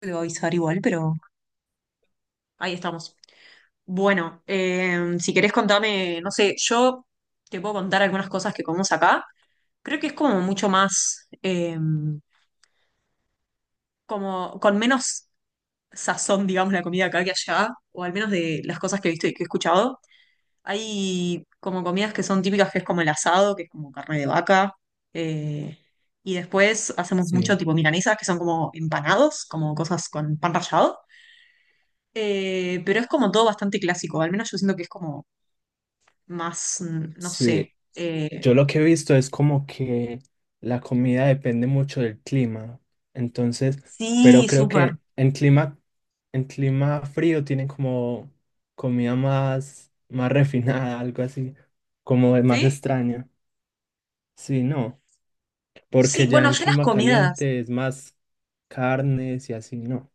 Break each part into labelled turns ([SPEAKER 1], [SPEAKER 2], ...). [SPEAKER 1] Te voy a avisar igual, pero ahí estamos. Bueno, si querés contame, no sé, yo te puedo contar algunas cosas que comemos acá. Creo que es como mucho más, como con menos sazón, digamos, la comida acá que allá, o al menos de las cosas que he visto y que he escuchado. Hay como comidas que son típicas, que es como el asado, que es como carne de vaca. eh, y después hacemos
[SPEAKER 2] Sí,
[SPEAKER 1] mucho tipo milanesas, que son como empanados, como cosas con pan rallado. Pero es como todo bastante clásico, al menos yo siento que es como más, no sé.
[SPEAKER 2] sí.
[SPEAKER 1] eh,
[SPEAKER 2] Yo lo que he visto es como que la comida depende mucho del clima. Entonces, pero
[SPEAKER 1] sí,
[SPEAKER 2] creo
[SPEAKER 1] súper.
[SPEAKER 2] que en clima frío tienen como comida más, más refinada, algo así, como más
[SPEAKER 1] ¿Sí?
[SPEAKER 2] extraña. Sí, no.
[SPEAKER 1] Sí,
[SPEAKER 2] Porque ya
[SPEAKER 1] bueno,
[SPEAKER 2] en
[SPEAKER 1] ya las
[SPEAKER 2] clima
[SPEAKER 1] comidas.
[SPEAKER 2] caliente es más carnes y así, no.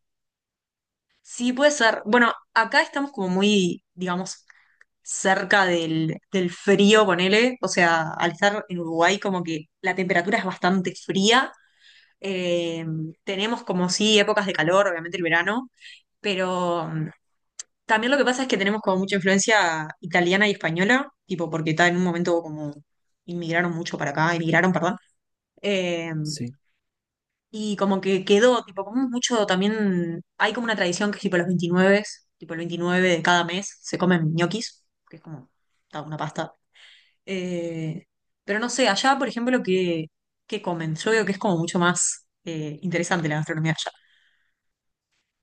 [SPEAKER 1] Sí, puede ser. Bueno, acá estamos como muy, digamos, cerca del frío, ponele. O sea, al estar en Uruguay, como que la temperatura es bastante fría. Eh, tenemos como sí épocas de calor, obviamente el verano, pero, también lo que pasa es que tenemos como mucha influencia italiana y española, tipo porque está en un momento como inmigraron mucho para acá, emigraron, perdón. Eh,
[SPEAKER 2] Sí.
[SPEAKER 1] y como que quedó, tipo, como mucho también, hay como una tradición que es tipo los 29, tipo el 29 de cada mes se comen ñoquis, que es como ta, una pasta. Eh, pero no sé, allá, por ejemplo, ¿qué comen? Yo veo que es como mucho más interesante la gastronomía allá.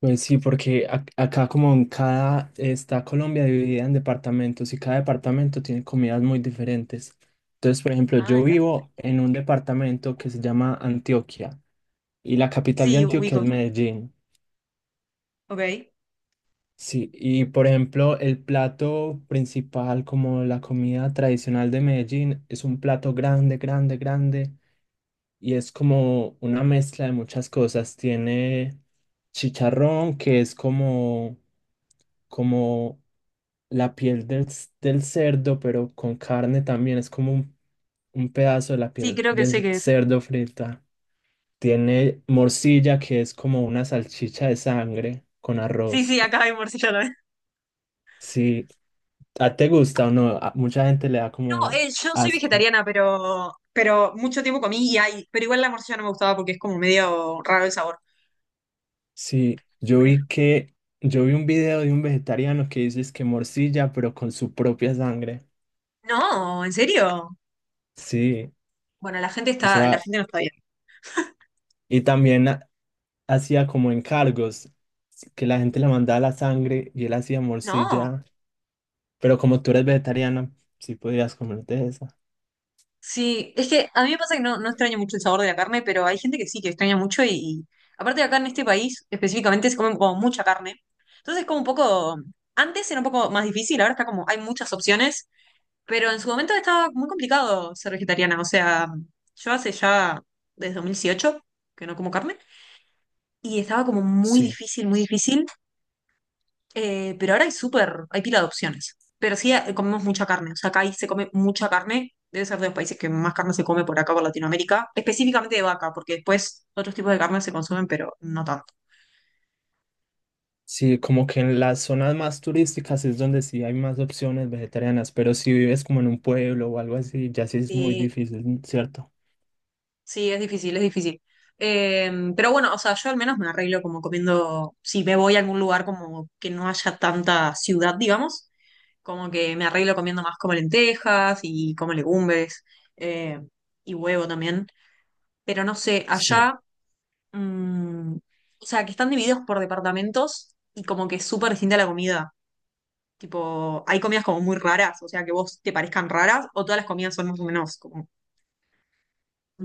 [SPEAKER 2] Pues sí, porque acá como en cada, está Colombia dividida en departamentos y cada departamento tiene comidas muy diferentes. Entonces, por ejemplo,
[SPEAKER 1] Ah,
[SPEAKER 2] yo
[SPEAKER 1] mira.
[SPEAKER 2] vivo en un departamento que se llama Antioquia y la capital de
[SPEAKER 1] Sí,
[SPEAKER 2] Antioquia es
[SPEAKER 1] ubico.
[SPEAKER 2] Medellín.
[SPEAKER 1] Ok.
[SPEAKER 2] Sí, y por ejemplo, el plato principal, como la comida tradicional de Medellín, es un plato grande, grande, grande y es como una mezcla de muchas cosas. Tiene chicharrón, que es como, como la piel del cerdo, pero con carne también. Es como un pedazo de la
[SPEAKER 1] Sí,
[SPEAKER 2] piel
[SPEAKER 1] creo que sé
[SPEAKER 2] del
[SPEAKER 1] qué es.
[SPEAKER 2] cerdo frita. Tiene morcilla, que es como una salchicha de sangre con
[SPEAKER 1] Sí,
[SPEAKER 2] arroz.
[SPEAKER 1] sí, acá hay morcilla también.
[SPEAKER 2] Sí, ¿a te gusta o no? A mucha gente le da
[SPEAKER 1] No,
[SPEAKER 2] como
[SPEAKER 1] yo soy
[SPEAKER 2] asco.
[SPEAKER 1] vegetariana, pero mucho tiempo comí y hay, pero igual la morcilla no me gustaba porque es como medio raro el sabor.
[SPEAKER 2] Sí,
[SPEAKER 1] Pero-
[SPEAKER 2] yo vi un video de un vegetariano que dice es que morcilla, pero con su propia sangre.
[SPEAKER 1] no, ¿en serio?
[SPEAKER 2] Sí,
[SPEAKER 1] Bueno,
[SPEAKER 2] o
[SPEAKER 1] la
[SPEAKER 2] sea,
[SPEAKER 1] gente no está bien.
[SPEAKER 2] y también hacía como encargos, que la gente le mandaba la sangre y él hacía
[SPEAKER 1] No,
[SPEAKER 2] morcilla, pero como tú eres vegetariana, sí podrías comerte esa.
[SPEAKER 1] sí, es que a mí me pasa que no extraño mucho el sabor de la carne, pero hay gente que sí, que extraña mucho y aparte acá en este país específicamente se come como mucha carne. Entonces como un poco, antes era un poco más difícil, ahora está como, hay muchas opciones. Pero en su momento estaba muy complicado ser vegetariana. O sea, yo hace ya desde 2018 que no como carne y estaba como muy
[SPEAKER 2] Sí,
[SPEAKER 1] difícil, muy difícil. Pero ahora hay súper, hay pila de opciones. Pero sí, comemos mucha carne. O sea, acá ahí se come mucha carne. Debe ser de los países que más carne se come por acá, por Latinoamérica. Específicamente de vaca, porque después otros tipos de carne se consumen, pero no tanto.
[SPEAKER 2] sí, como que en las zonas más turísticas es donde sí hay más opciones vegetarianas, pero si vives como en un pueblo o algo así, ya sí es muy
[SPEAKER 1] Sí.
[SPEAKER 2] difícil, ¿cierto?
[SPEAKER 1] Sí, es difícil, es difícil. Pero bueno, o sea, yo al menos me arreglo como comiendo, si me voy a algún lugar como que no haya tanta ciudad, digamos, como que me arreglo comiendo más como lentejas y como legumbres eh, y huevo también. Pero no sé,
[SPEAKER 2] Sí.
[SPEAKER 1] allá, mm, o sea, que están divididos por departamentos y como que es súper distinta la comida. Tipo, hay comidas como muy raras, o sea, que vos te parezcan raras o todas las comidas son más o menos como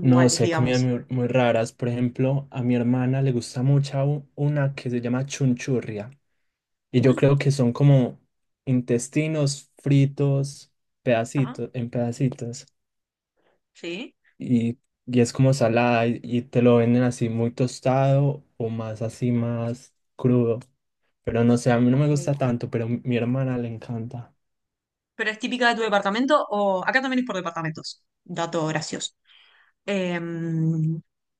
[SPEAKER 2] No, sé, hay comidas
[SPEAKER 1] digamos.
[SPEAKER 2] muy, muy raras. Por ejemplo, a mi hermana le gusta mucho una que se llama chunchurria. Y yo
[SPEAKER 1] Mm,
[SPEAKER 2] creo que son como intestinos fritos,
[SPEAKER 1] ajá,
[SPEAKER 2] pedacitos, en pedacitos.
[SPEAKER 1] sí.
[SPEAKER 2] Y, y es como salada y te lo venden así muy tostado o más así, más crudo. Pero no sé, a mí no
[SPEAKER 1] Ok.
[SPEAKER 2] me gusta tanto, pero a mi hermana le encanta.
[SPEAKER 1] ¿Pero es típica de tu departamento o acá también es por departamentos? Dato gracioso. Eh,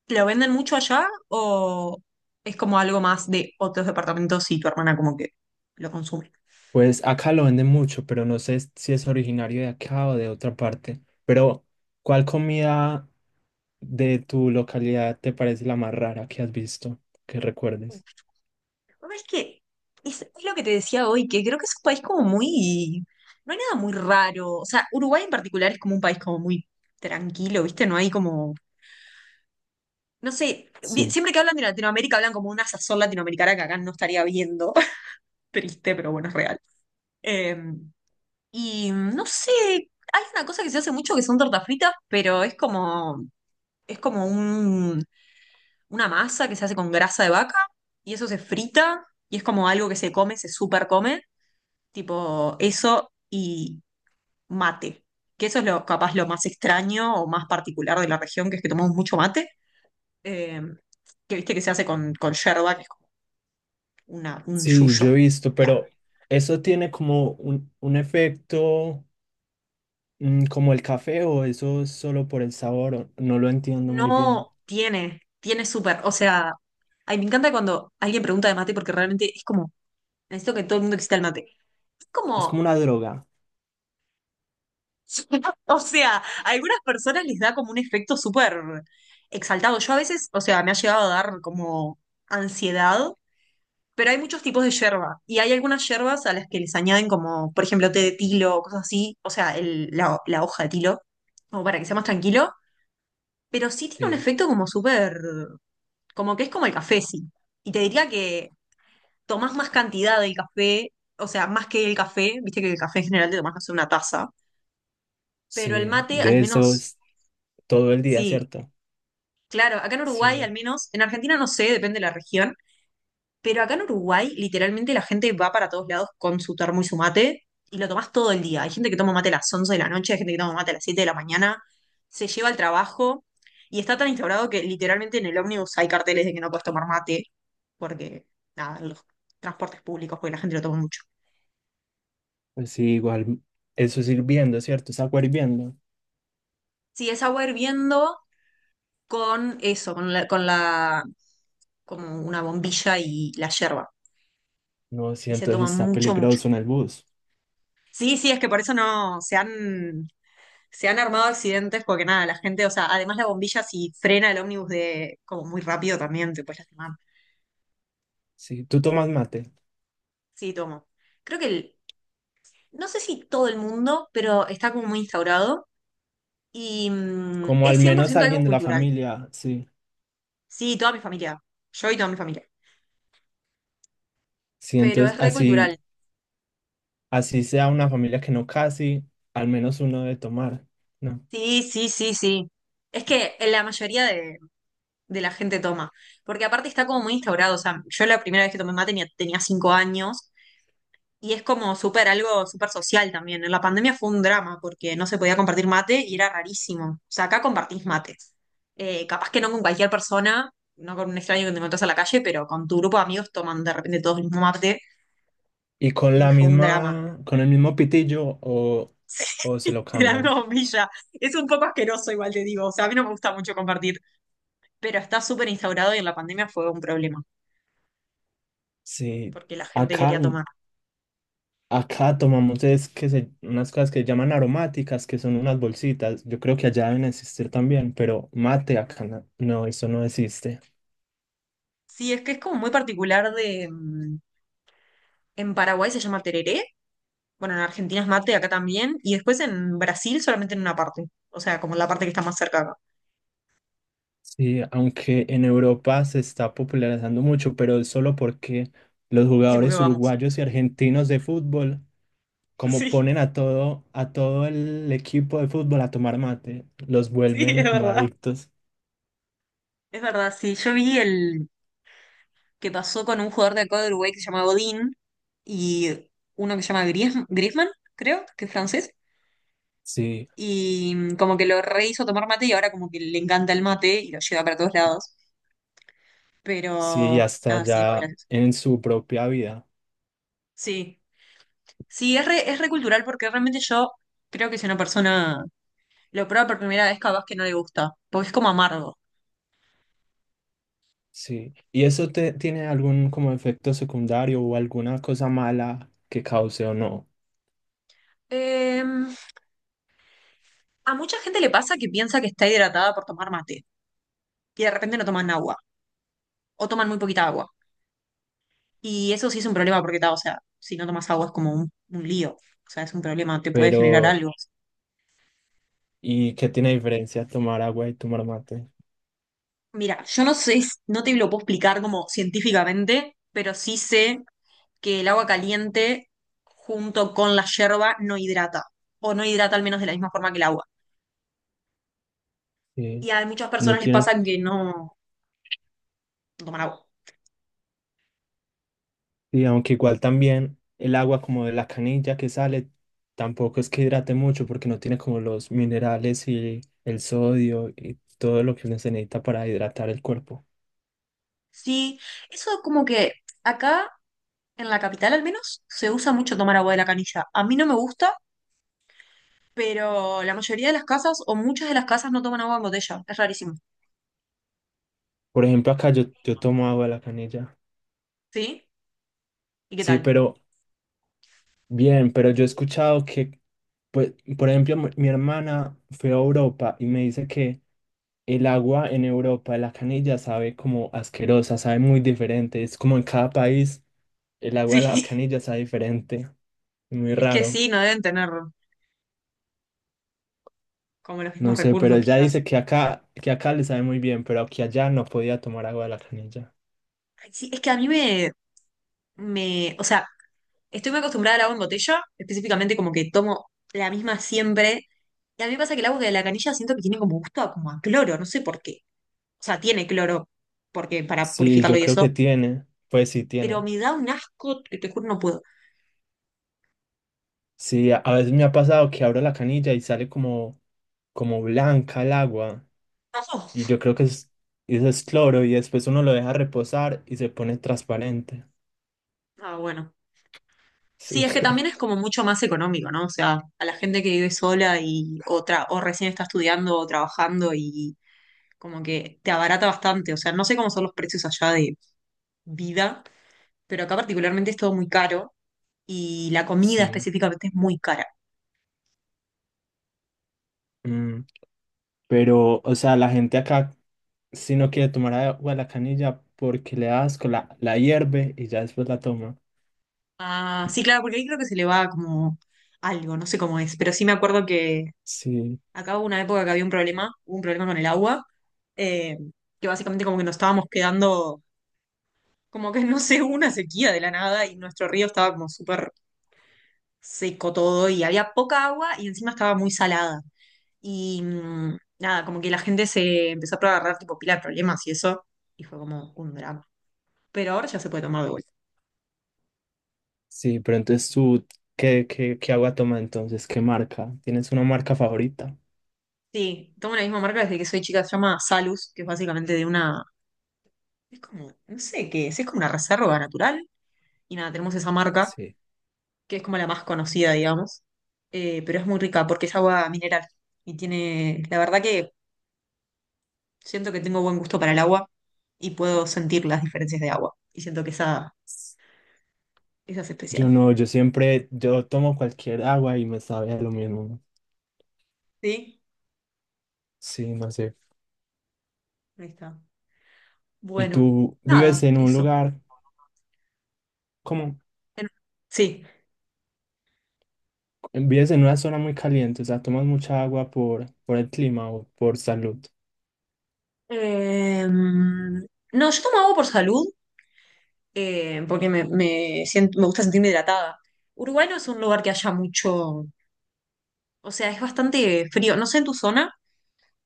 [SPEAKER 1] ¿Lo venden mucho allá o es como algo más de otros departamentos y tu hermana como que lo consume?
[SPEAKER 2] Pues acá lo venden mucho, pero no sé si es originario de acá o de otra parte. Pero, ¿cuál comida de tu localidad te parece la más rara que has visto, que recuerdes?
[SPEAKER 1] Es que es lo que te decía hoy, que creo que es un país como muy... No hay nada muy raro. O sea, Uruguay en particular es como un país como muy tranquilo, ¿viste? No hay como... No sé,
[SPEAKER 2] Sí.
[SPEAKER 1] siempre que hablan de Latinoamérica hablan como una sazón latinoamericana que acá no estaría viendo. Triste, pero bueno, es real. Eh, y no sé, hay una cosa que se hace mucho que son tortas fritas, pero es como una masa que se hace con grasa de vaca y eso se frita y es como algo que se come, se super come, tipo eso y mate, que eso es lo capaz lo más extraño o más particular de la región, que es que tomamos mucho mate, eh, que viste que se hace con, yerba, que es como un
[SPEAKER 2] Sí,
[SPEAKER 1] yuyo,
[SPEAKER 2] yo he
[SPEAKER 1] una
[SPEAKER 2] visto,
[SPEAKER 1] planta.
[SPEAKER 2] pero ¿eso tiene como un efecto como el café o eso es solo por el sabor? No lo entiendo muy bien.
[SPEAKER 1] No, tiene súper. O sea, ay, me encanta cuando alguien pregunta de mate porque realmente es como, necesito que todo el mundo exista el mate. Es
[SPEAKER 2] Es como
[SPEAKER 1] como,
[SPEAKER 2] una droga.
[SPEAKER 1] o sea, a algunas personas les da como un efecto súper exaltado. Yo a veces, o sea, me ha llegado a dar como ansiedad, pero hay muchos tipos de yerba y hay algunas yerbas a las que les añaden como, por ejemplo, té de tilo o cosas así, o sea, la hoja de tilo, como para que sea más tranquilo, pero sí tiene un
[SPEAKER 2] Sí.
[SPEAKER 1] efecto como súper. Como que es como el café, sí. Y te diría que tomás más cantidad del café, o sea, más que el café, viste que el café en general te tomás, no sé, una taza, pero el
[SPEAKER 2] Sí,
[SPEAKER 1] mate al
[SPEAKER 2] de eso
[SPEAKER 1] menos,
[SPEAKER 2] es todo el día,
[SPEAKER 1] sí,
[SPEAKER 2] ¿cierto?
[SPEAKER 1] claro, acá en Uruguay al
[SPEAKER 2] Sí,
[SPEAKER 1] menos, en Argentina no sé, depende de la región. Pero acá en Uruguay, literalmente la gente va para todos lados con su termo y su mate y lo tomás todo el día. Hay gente que toma mate a las 11 de la noche, hay gente que toma mate a las 7 de la mañana, se lleva al trabajo y está tan instaurado que literalmente en el ómnibus hay carteles de que no puedes tomar mate porque, nada, en los transportes públicos, porque la gente lo toma mucho.
[SPEAKER 2] pues sí, igual eso es hirviendo, ¿cierto? Es agua hirviendo.
[SPEAKER 1] Sí, es agua hirviendo con eso, con la, como una bombilla y la yerba.
[SPEAKER 2] No, sí,
[SPEAKER 1] Y se toma
[SPEAKER 2] entonces está
[SPEAKER 1] mucho, mucho.
[SPEAKER 2] peligroso en el bus.
[SPEAKER 1] Sí, sí, es que por eso no se han armado accidentes porque nada, la gente, o sea, además la bombilla si frena el ómnibus de como muy rápido también te puedes lastimar.
[SPEAKER 2] Sí, tú tomas mate,
[SPEAKER 1] Sí, tomo. Creo que no sé si todo el mundo, pero está como muy instaurado y
[SPEAKER 2] como
[SPEAKER 1] es
[SPEAKER 2] al
[SPEAKER 1] cien por
[SPEAKER 2] menos
[SPEAKER 1] ciento
[SPEAKER 2] alguien
[SPEAKER 1] algo
[SPEAKER 2] de la
[SPEAKER 1] cultural.
[SPEAKER 2] familia, sí.
[SPEAKER 1] Sí, toda mi familia. Yo y toda mi familia.
[SPEAKER 2] Sí,
[SPEAKER 1] Pero
[SPEAKER 2] entonces
[SPEAKER 1] es re
[SPEAKER 2] así,
[SPEAKER 1] cultural.
[SPEAKER 2] así sea una familia que no casi, al menos uno debe tomar, ¿no?
[SPEAKER 1] Sí, sí, sí, sí. Es que la mayoría de la gente toma. Porque aparte está como muy instaurado. O sea, yo la primera vez que tomé mate tenía 5 años. Y es como súper algo súper social también. En la pandemia fue un drama porque no se podía compartir mate y era rarísimo. O sea, acá compartís mate. Capaz que no con cualquier persona, no con un extraño que te encontrás a la calle, pero con tu grupo de amigos toman de repente todos el mismo mate
[SPEAKER 2] Y con
[SPEAKER 1] y
[SPEAKER 2] la
[SPEAKER 1] fue un drama.
[SPEAKER 2] misma, con el mismo pitillo, o se lo
[SPEAKER 1] Era
[SPEAKER 2] cambian.
[SPEAKER 1] una bombilla. Es un poco asqueroso, igual te digo. O sea, a mí no me gusta mucho compartir, pero está súper instaurado y en la pandemia fue un problema
[SPEAKER 2] Sí,
[SPEAKER 1] porque la gente
[SPEAKER 2] acá,
[SPEAKER 1] quería tomar.
[SPEAKER 2] acá tomamos es que unas cosas que llaman aromáticas, que son unas bolsitas. Yo creo que allá deben existir también, pero mate acá no, no, eso no existe.
[SPEAKER 1] Sí, es que es como muy particular de... En Paraguay se llama tereré. Bueno, en Argentina es mate, acá también. Y después en Brasil solamente en una parte. O sea, como la parte que está más cerca acá.
[SPEAKER 2] Sí, aunque en Europa se está popularizando mucho, pero es solo porque los
[SPEAKER 1] Sí, porque
[SPEAKER 2] jugadores
[SPEAKER 1] vamos.
[SPEAKER 2] uruguayos y argentinos de fútbol como
[SPEAKER 1] Sí,
[SPEAKER 2] ponen a todo el equipo de fútbol a tomar mate, los
[SPEAKER 1] sí,
[SPEAKER 2] vuelven
[SPEAKER 1] es
[SPEAKER 2] como
[SPEAKER 1] verdad.
[SPEAKER 2] adictos.
[SPEAKER 1] Es verdad, sí. Yo vi el que pasó con un jugador de acá de Uruguay que se llama Godín y uno que se llama Griezmann, creo, que es francés.
[SPEAKER 2] Sí,
[SPEAKER 1] Y como que lo rehizo tomar mate y ahora como que le encanta el mate y lo lleva para todos lados.
[SPEAKER 2] sí, y
[SPEAKER 1] Pero
[SPEAKER 2] hasta
[SPEAKER 1] nada, sí, es muy
[SPEAKER 2] ya
[SPEAKER 1] gracioso.
[SPEAKER 2] en su propia vida.
[SPEAKER 1] Sí, sí, es re cultural porque realmente yo creo que soy una persona. Lo prueba por primera vez, capaz que no le gusta, porque es como amargo.
[SPEAKER 2] Sí. ¿Y eso te tiene algún como efecto secundario o alguna cosa mala que cause o no?
[SPEAKER 1] Eh, a mucha gente le pasa que piensa que está hidratada por tomar mate y de repente no toman agua o toman muy poquita agua. Y eso sí es un problema porque, ta, o sea, si no tomas agua es como un lío. O sea, es un problema, te puede generar
[SPEAKER 2] Pero,
[SPEAKER 1] algo.
[SPEAKER 2] ¿y qué tiene diferencia tomar agua y tomar mate?
[SPEAKER 1] Mira, yo no sé, no te lo puedo explicar como científicamente, pero sí sé que el agua caliente junto con la yerba no hidrata, o no hidrata al menos de la misma forma que el agua. Y
[SPEAKER 2] Sí.
[SPEAKER 1] a muchas
[SPEAKER 2] No
[SPEAKER 1] personas les
[SPEAKER 2] tiene.
[SPEAKER 1] pasa que no toman agua.
[SPEAKER 2] Y aunque igual también el agua como de la canilla que sale, tampoco es que hidrate mucho porque no tiene como los minerales y el sodio y todo lo que uno se necesita para hidratar el cuerpo.
[SPEAKER 1] Sí, eso como que acá en la capital al menos se usa mucho tomar agua de la canilla. A mí no me gusta, pero la mayoría de las casas o muchas de las casas no toman agua en botella. Es rarísimo.
[SPEAKER 2] Por ejemplo, acá yo tomo agua de la canilla.
[SPEAKER 1] ¿Sí? ¿Y qué
[SPEAKER 2] Sí,
[SPEAKER 1] tal?
[SPEAKER 2] pero bien, pero yo he escuchado pues, por ejemplo, mi hermana fue a Europa y me dice que el agua en Europa de la canilla sabe como asquerosa, sabe muy diferente. Es como en cada país el agua de la
[SPEAKER 1] Sí,
[SPEAKER 2] canilla sabe diferente, muy
[SPEAKER 1] es que
[SPEAKER 2] raro.
[SPEAKER 1] sí, no deben tener como los
[SPEAKER 2] No
[SPEAKER 1] mismos
[SPEAKER 2] sé, pero
[SPEAKER 1] recursos
[SPEAKER 2] ella
[SPEAKER 1] quizás.
[SPEAKER 2] dice que acá le sabe muy bien, pero que allá no podía tomar agua de la canilla.
[SPEAKER 1] Ay, sí, es que a mí o sea, estoy muy acostumbrada al agua en botella, específicamente como que tomo la misma siempre. Y a mí me pasa que el agua de la canilla siento que tiene como gusto a, como a cloro, no sé por qué. O sea, tiene cloro, porque para
[SPEAKER 2] Sí,
[SPEAKER 1] purificarlo
[SPEAKER 2] yo
[SPEAKER 1] y
[SPEAKER 2] creo que
[SPEAKER 1] eso,
[SPEAKER 2] tiene. Pues sí,
[SPEAKER 1] pero
[SPEAKER 2] tiene.
[SPEAKER 1] me da un asco que te juro no puedo.
[SPEAKER 2] Sí, a veces me ha pasado que abro la canilla y sale como blanca el agua.
[SPEAKER 1] Pasó.
[SPEAKER 2] Y yo creo que eso es cloro y después uno lo deja reposar y se pone transparente.
[SPEAKER 1] Ah, bueno. Sí,
[SPEAKER 2] Sí,
[SPEAKER 1] es que también es como mucho más económico, ¿no? O sea, a la gente que vive sola y otra, o recién está estudiando o trabajando y como que te abarata bastante. O sea, no sé cómo son los precios allá de vida, pero acá particularmente es todo muy caro y la comida
[SPEAKER 2] sí.
[SPEAKER 1] específicamente es muy cara.
[SPEAKER 2] Mm, pero, o sea, la gente acá si no quiere tomar agua de la canilla porque le da asco, la hierve y ya después la toma.
[SPEAKER 1] Ah, sí, claro, porque ahí creo que se le va como algo, no sé cómo es, pero sí me acuerdo que
[SPEAKER 2] Sí.
[SPEAKER 1] acá hubo una época que había un problema, hubo un problema con el agua, eh, que básicamente como que nos estábamos quedando, como que no sé, hubo una sequía de la nada y nuestro río estaba como súper seco todo y había poca agua y encima estaba muy salada. Y nada, como que la gente se empezó a agarrar tipo pila de problemas y eso, y fue como un drama. Pero ahora ya se puede tomar de vuelta.
[SPEAKER 2] Sí, pero ¿qué, qué, qué agua tomas entonces? ¿Qué marca? ¿Tienes una marca favorita?
[SPEAKER 1] Sí, tomo la misma marca desde que soy chica, se llama Salus, que es básicamente de una, es como, no sé qué es como una reserva natural. Y nada, tenemos esa marca
[SPEAKER 2] Sí.
[SPEAKER 1] que es como la más conocida, digamos, pero es muy rica porque es agua mineral y tiene, la verdad que siento que tengo buen gusto para el agua y puedo sentir las diferencias de agua y siento que esa es
[SPEAKER 2] Yo
[SPEAKER 1] especial.
[SPEAKER 2] no, yo siempre, yo tomo cualquier agua y me sabe a lo mismo.
[SPEAKER 1] ¿Sí?
[SPEAKER 2] Sí, no sé.
[SPEAKER 1] Ahí está.
[SPEAKER 2] ¿Y
[SPEAKER 1] Bueno,
[SPEAKER 2] tú vives
[SPEAKER 1] nada,
[SPEAKER 2] en un
[SPEAKER 1] eso.
[SPEAKER 2] lugar, como,
[SPEAKER 1] En- Sí.
[SPEAKER 2] vives en una zona muy caliente, o sea, tomas mucha agua por el clima o por salud?
[SPEAKER 1] No, yo tomo agua por salud, porque me siento, me gusta sentirme hidratada. Uruguay no es un lugar que haya mucho, o sea, es bastante frío. No sé en tu zona.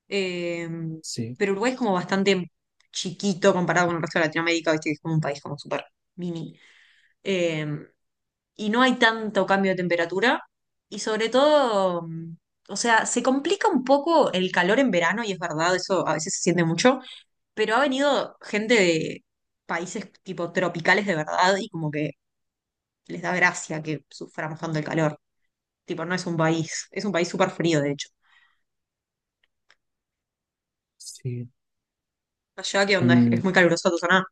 [SPEAKER 1] Eh,
[SPEAKER 2] Sí.
[SPEAKER 1] pero Uruguay es como bastante chiquito comparado con el resto de Latinoamérica, ¿viste? Que es como un país como súper mini. Eh, y no hay tanto cambio de temperatura. Y sobre todo, o sea, se complica un poco el calor en verano, y es verdad, eso a veces se siente mucho, pero ha venido gente de países tipo tropicales de verdad y como que les da gracia que suframos tanto el calor. Tipo, no es un país, es un país súper frío, de hecho.
[SPEAKER 2] Sí.
[SPEAKER 1] Allá, ¿qué onda?
[SPEAKER 2] Mm,
[SPEAKER 1] Es muy calurosa tu zona?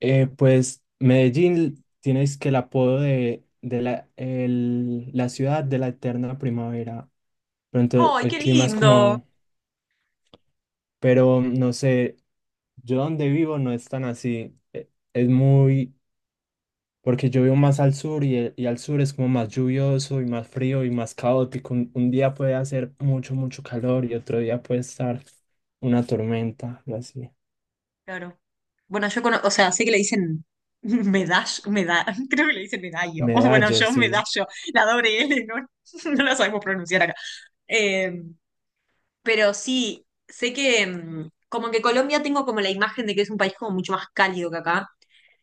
[SPEAKER 2] pues Medellín tienes que el apodo de la ciudad de la eterna primavera. Pero entonces
[SPEAKER 1] ¡Ay,
[SPEAKER 2] el
[SPEAKER 1] qué
[SPEAKER 2] clima es
[SPEAKER 1] lindo!
[SPEAKER 2] como, pero no sé, yo donde vivo no es tan así. Es muy, porque yo vivo más al sur y al sur es como más lluvioso y más frío y más caótico. Un día puede hacer mucho, mucho calor y otro día puede estar una tormenta, algo así.
[SPEAKER 1] Claro. Bueno, yo conozco, o sea, sé que le dicen medallo, meda creo que le dicen medallo, o bueno,
[SPEAKER 2] Medallo,
[SPEAKER 1] yo
[SPEAKER 2] sí.
[SPEAKER 1] medallo, la doble L, no, no la sabemos pronunciar acá. Eh, pero sí, sé que como que Colombia tengo como la imagen de que es un país como mucho más cálido que acá,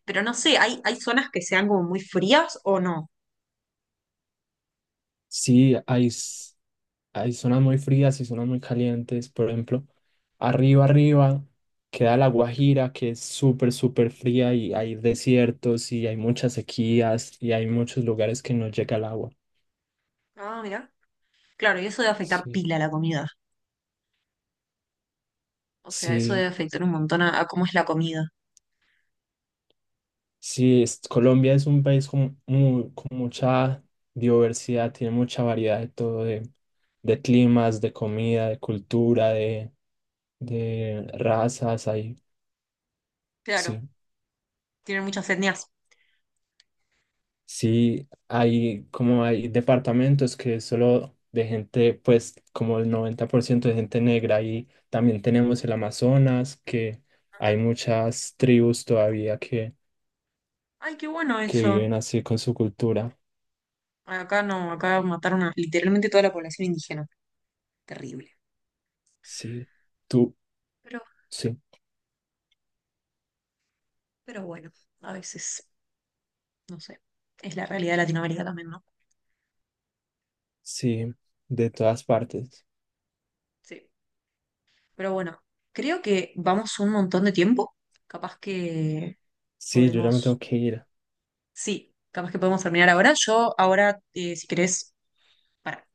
[SPEAKER 1] pero no sé, ¿hay, hay zonas que sean como muy frías o no?
[SPEAKER 2] Sí, hay. Hay zonas muy frías y zonas muy calientes. Por ejemplo, arriba queda La Guajira, que es súper, súper fría y hay desiertos y hay muchas sequías y hay muchos lugares que no llega el agua.
[SPEAKER 1] Ah, mira. Claro, y eso debe afectar
[SPEAKER 2] Sí,
[SPEAKER 1] pila a la comida. O sea, eso debe
[SPEAKER 2] sí,
[SPEAKER 1] afectar un montón a cómo es la comida.
[SPEAKER 2] sí. Colombia es un país con mucha diversidad, tiene mucha variedad de todo, de climas, de comida, de cultura, de razas. Ahí,
[SPEAKER 1] Claro,
[SPEAKER 2] sí.
[SPEAKER 1] tienen muchas etnias.
[SPEAKER 2] Sí, hay como hay departamentos que es solo de gente, pues como el 90% de gente negra y también tenemos el Amazonas, que hay muchas tribus todavía
[SPEAKER 1] Ay, qué bueno
[SPEAKER 2] que
[SPEAKER 1] eso.
[SPEAKER 2] viven así con su cultura.
[SPEAKER 1] Acá no, acá mataron a literalmente toda la población indígena. Terrible.
[SPEAKER 2] Sí, tú,
[SPEAKER 1] Pero,
[SPEAKER 2] sí,
[SPEAKER 1] pero bueno, a veces, no sé. Es la realidad de Latinoamérica también, ¿no?
[SPEAKER 2] sí, de todas partes.
[SPEAKER 1] Sí. Pero bueno, creo que vamos un montón de tiempo. Capaz que
[SPEAKER 2] Sí, yo ya me tengo
[SPEAKER 1] podemos.
[SPEAKER 2] que ir.
[SPEAKER 1] Sí, capaz que podemos terminar ahora. Yo ahora, si querés, para.